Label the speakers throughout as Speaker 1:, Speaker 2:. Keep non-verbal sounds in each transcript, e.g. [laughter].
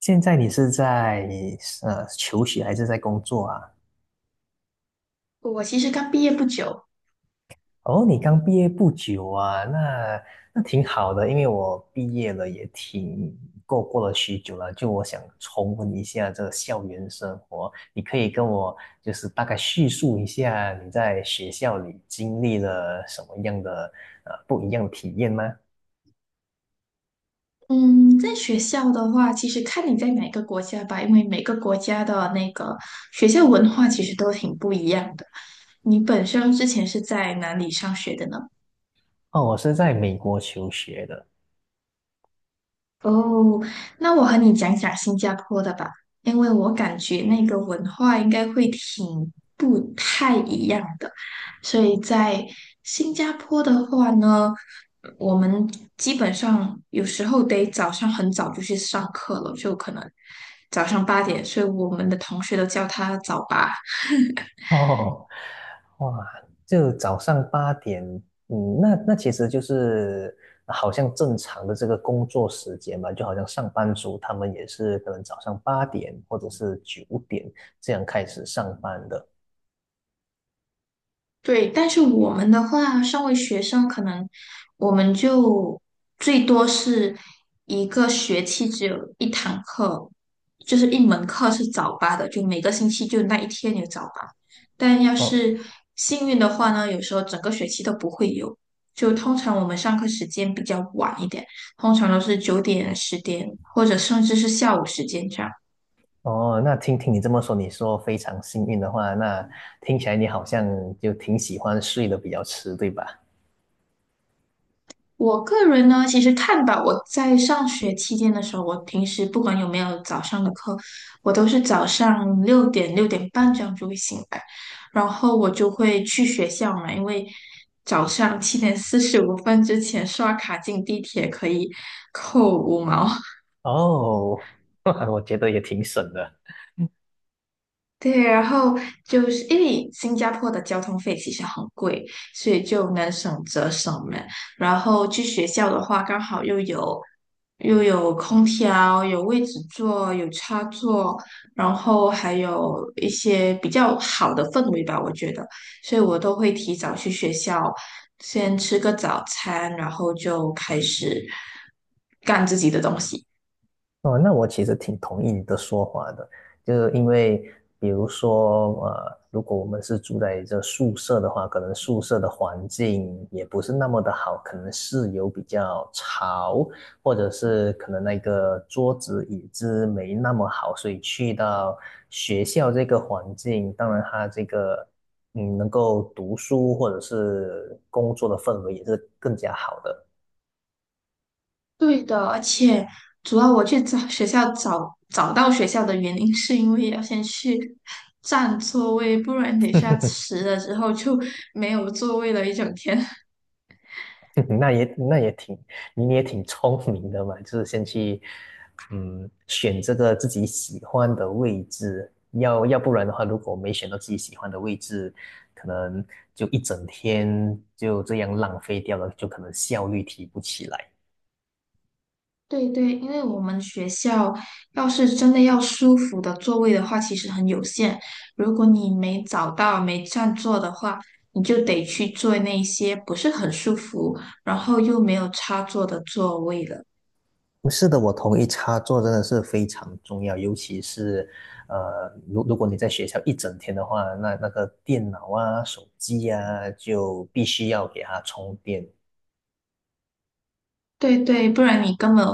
Speaker 1: 现在你是在求学还是在工作啊？
Speaker 2: 我其实刚毕业不久，
Speaker 1: 哦，你刚毕业不久啊，那挺好的，因为我毕业了也挺过了许久了，就我想重温一下这个校园生活。你可以跟我就是大概叙述一下你在学校里经历了什么样的不一样的体验吗？
Speaker 2: 嗯，在学校的话，其实看你在哪个国家吧，因为每个国家的那个学校文化其实都挺不一样的。你本身之前是在哪里上学的呢？
Speaker 1: 哦，我是在美国求学的。
Speaker 2: 哦，那我和你讲讲新加坡的吧，因为我感觉那个文化应该会挺不太一样的，所以在新加坡的话呢，我们基本上有时候得早上很早就去上课了，就可能早上8点，所以我们的同学都叫他早八。
Speaker 1: [laughs] 哦，哇，就早上八点，嗯，那其实就是好像正常的这个工作时间嘛，就好像上班族他们也是可能早上八点或者是9点这样开始上班的。
Speaker 2: 对，但是我们的话，身为学生，可能我们就最多是一个学期只有一堂课，就是一门课是早八的，就每个星期就那一天有早八。但要
Speaker 1: 哦
Speaker 2: 是幸运的话呢，有时候整个学期都不会有。就通常我们上课时间比较晚一点，通常都是9点、10点，或者甚至是下午时间这样。
Speaker 1: 哦，那听你这么说，你说非常幸运的话，那听起来你好像就挺喜欢睡得比较迟，对吧？
Speaker 2: 我个人呢，其实看吧，我在上学期间的时候，我平时不管有没有早上的课，我都是早上六点6点半这样就会醒来，然后我就会去学校嘛，因为早上7点45分之前刷卡进地铁可以扣5毛，
Speaker 1: 哦，[laughs] 我觉得也挺省的。
Speaker 2: 对，然后就是因为新加坡的交通费其实很贵，所以就能省则省嘛。然后去学校的话，刚好又有空调，有位置坐，有插座，然后还有一些比较好的氛围吧，我觉得。所以我都会提早去学校，先吃个早餐，然后就开始干自己的东西。
Speaker 1: 哦，那我其实挺同意你的说法的，就是因为比如说，如果我们是住在这宿舍的话，可能宿舍的环境也不是那么的好，可能室友比较吵，或者是可能那个桌子椅子没那么好，所以去到学校这个环境，当然它这个能够读书或者是工作的氛围也是更加好的。
Speaker 2: 对的，而且主要我去找到学校的原因，是因为要先去占座位，不然等一下迟了之后就没有座位了一整天。
Speaker 1: [laughs] 那也那也挺，你也挺聪明的嘛，就是先去，选这个自己喜欢的位置，要不然的话，如果没选到自己喜欢的位置，可能就一整天就这样浪费掉了，就可能效率提不起来。
Speaker 2: [laughs] 对对，因为我们学校要是真的要舒服的座位的话，其实很有限。如果你没找到、没占座的话，你就得去坐那些不是很舒服，然后又没有插座的座位了。
Speaker 1: 是的，我同意，插座真的是非常重要，尤其是，如果你在学校一整天的话，那个电脑啊、手机啊，就必须要给它充电。
Speaker 2: 对对，不然你根本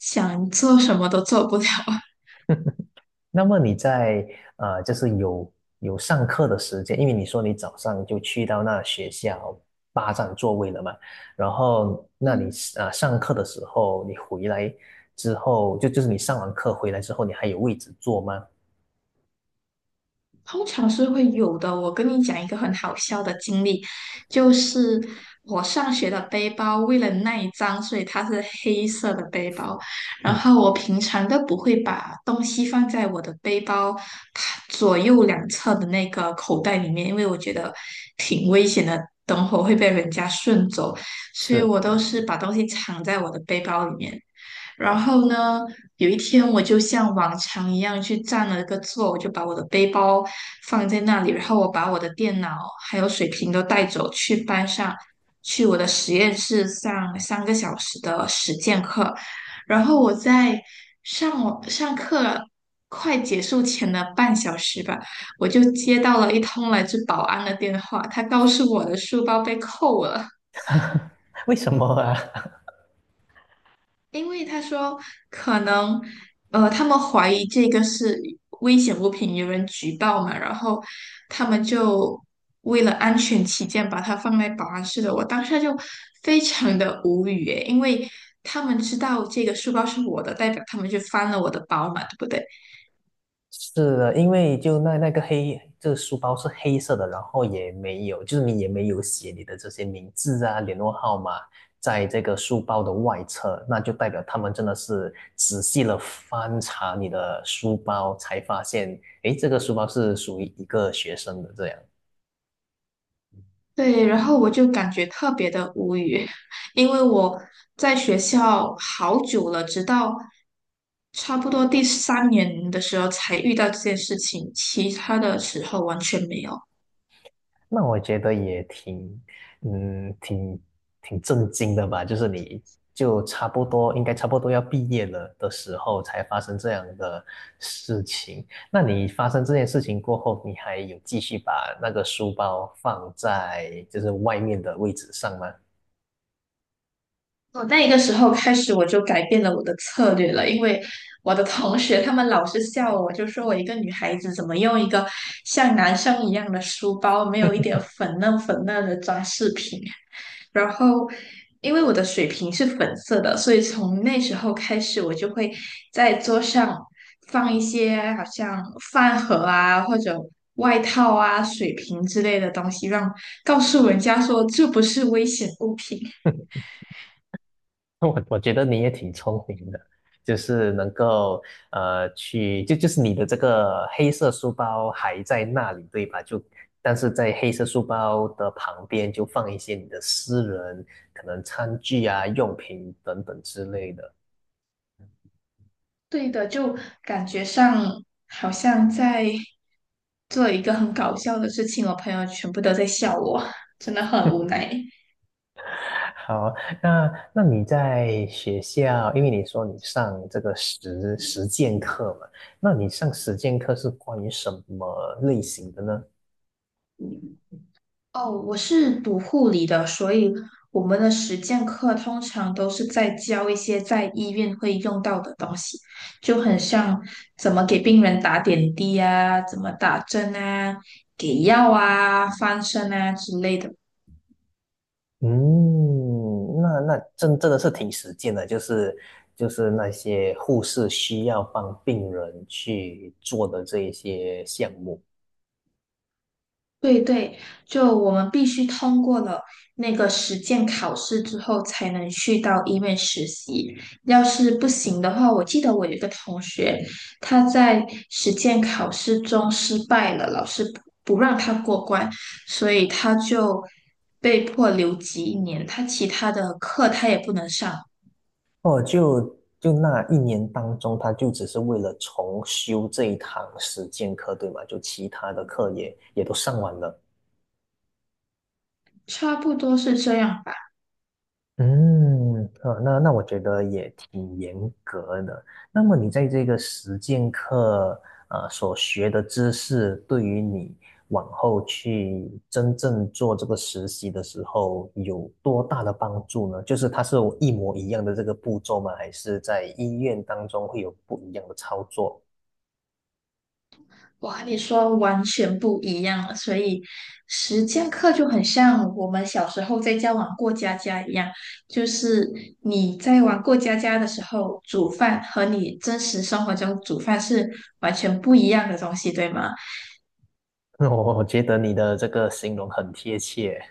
Speaker 2: 想做什么都做不了。[laughs]
Speaker 1: 那么你在就是有上课的时间，因为你说你早上就去到那学校霸占座位了嘛，然后那你
Speaker 2: 嗯，
Speaker 1: 上课的时候，你回来之后，就是你上完课回来之后，你还有位置坐吗？
Speaker 2: 通常是会有的。我跟你讲一个很好笑的经历，就是我上学的背包，为了耐脏，所以它是黑色的背包。然
Speaker 1: 嗯，
Speaker 2: 后我平常都不会把东西放在我的背包左右两侧的那个口袋里面，因为我觉得挺危险的，等会儿会被人家顺走，所以
Speaker 1: 是，
Speaker 2: 我都是把东西藏在我的背包里面。然后呢，有一天我就像往常一样去占了个座，我就把我的背包放在那里，然后我把我的电脑还有水瓶都带走，去班上，去我的实验室上3个小时的实践课。然后我在上我上课快结束前的半小时吧，我就接到了一通来自保安的电话，他告诉我的书包被扣了。
Speaker 1: 为什么啊？
Speaker 2: 因为他说可能，他们怀疑这个是危险物品，有人举报嘛，然后他们就为了安全起见，把它放在保安室的。我当下就非常的无语诶，因为他们知道这个书包是我的，代表他们就翻了我的包嘛，对不对？
Speaker 1: 是的，因为就那个黑，这个书包是黑色的，然后也没有，就是你也没有写你的这些名字啊、联络号码，在这个书包的外侧，那就代表他们真的是仔细的翻查你的书包，才发现，诶，这个书包是属于一个学生的这样。
Speaker 2: 对，然后我就感觉特别的无语，[laughs] 因为我在学校好久了，直到差不多第三年的时候才遇到这件事情，其他的时候完全没有。
Speaker 1: 那我觉得也挺，嗯，挺挺震惊的吧。就是你就差不多应该差不多要毕业了的时候，才发生这样的事情。那你发生这件事情过后，你还有继续把那个书包放在就是外面的位置上吗？
Speaker 2: 我那一个时候开始，我就改变了我的策略了，因为我的同学他们老是笑我，就说我一个女孩子怎么用一个像男生一样的书包，没有一点
Speaker 1: [laughs]
Speaker 2: 粉嫩粉嫩的装饰品。然后，因为我的水瓶是粉色的，所以从那时候开始，我就会在桌上放一些好像饭盒啊，或者外套啊、水瓶之类的东西，让告诉人家说这不是危险物品。
Speaker 1: [laughs] 我觉得你也挺聪明的，就是能够去，就是你的这个黑色书包还在那里，对吧？就但是在黑色书包的旁边就放一些你的私人可能餐具啊、用品等等之类的。
Speaker 2: 对的，就感觉上好像在做一个很搞笑的事情，我朋友全部都在笑我，真的很无奈。
Speaker 1: [laughs] 好，那你在学校，因为你说你上这个实践课嘛，那你上实践课是关于什么类型的呢？
Speaker 2: 哦，我是读护理的，所以我们的实践课通常都是在教一些在医院会用到的东西，就很像怎么给病人打点滴啊，怎么打针啊，给药啊，翻身啊之类的。
Speaker 1: 嗯，那真的是挺实践的，就是那些护士需要帮病人去做的这一些项目。
Speaker 2: 对对，就我们必须通过了那个实践考试之后，才能去到医院实习。要是不行的话，我记得我有一个同学，他在实践考试中失败了，老师不让他过关，所以他就被迫留级1年，他其他的课他也不能上，
Speaker 1: 哦，就那一年当中，他就只是为了重修这一堂实践课，对吗？就其他的课也都上完了。
Speaker 2: 差不多是这样。
Speaker 1: 嗯，啊，那我觉得也挺严格的。那么你在这个实践课，所学的知识，对于你往后去真正做这个实习的时候，有多大的帮助呢？就是它是一模一样的这个步骤吗？还是在医院当中会有不一样的操作？
Speaker 2: 哇，你说完全不一样了，所以实践课就很像我们小时候在家玩过家家一样，就是你在玩过家家的时候，煮饭和你真实生活中煮饭是完全不一样的东西，对吗？
Speaker 1: [laughs] 我觉得你的这个形容很贴切。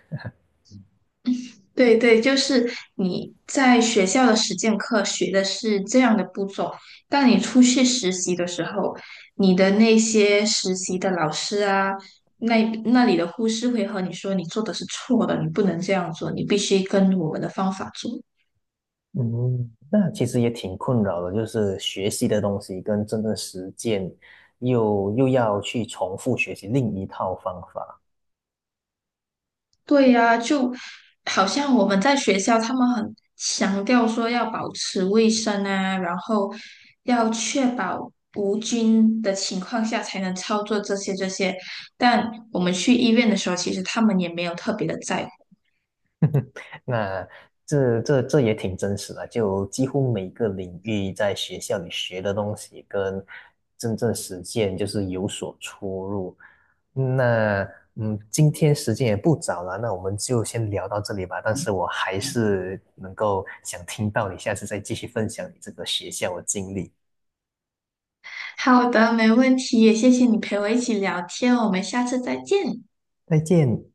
Speaker 2: 对对，就是你在学校的实践课学的是这样的步骤，但你出去实习的时候，你的那些实习的老师啊，那那里的护士会和你说你做的是错的，你不能这样做，你必须跟我们的方法做。
Speaker 1: 嗯，那其实也挺困扰的，就是学习的东西跟真正实践又要去重复学习另一套方法。
Speaker 2: 对呀，就好像我们在学校，他们很强调说要保持卫生啊，然后要确保无菌的情况下才能操作这些。但我们去医院的时候，其实他们也没有特别的在乎。
Speaker 1: 那这也挺真实的，就几乎每个领域在学校里学的东西跟真正实践就是有所出入。那今天时间也不早了，那我们就先聊到这里吧。但是我还是能够想听到你下次再继续分享你这个学校的经历。
Speaker 2: 好的，没问题，也谢谢你陪我一起聊天，我们下次再见。
Speaker 1: 再见。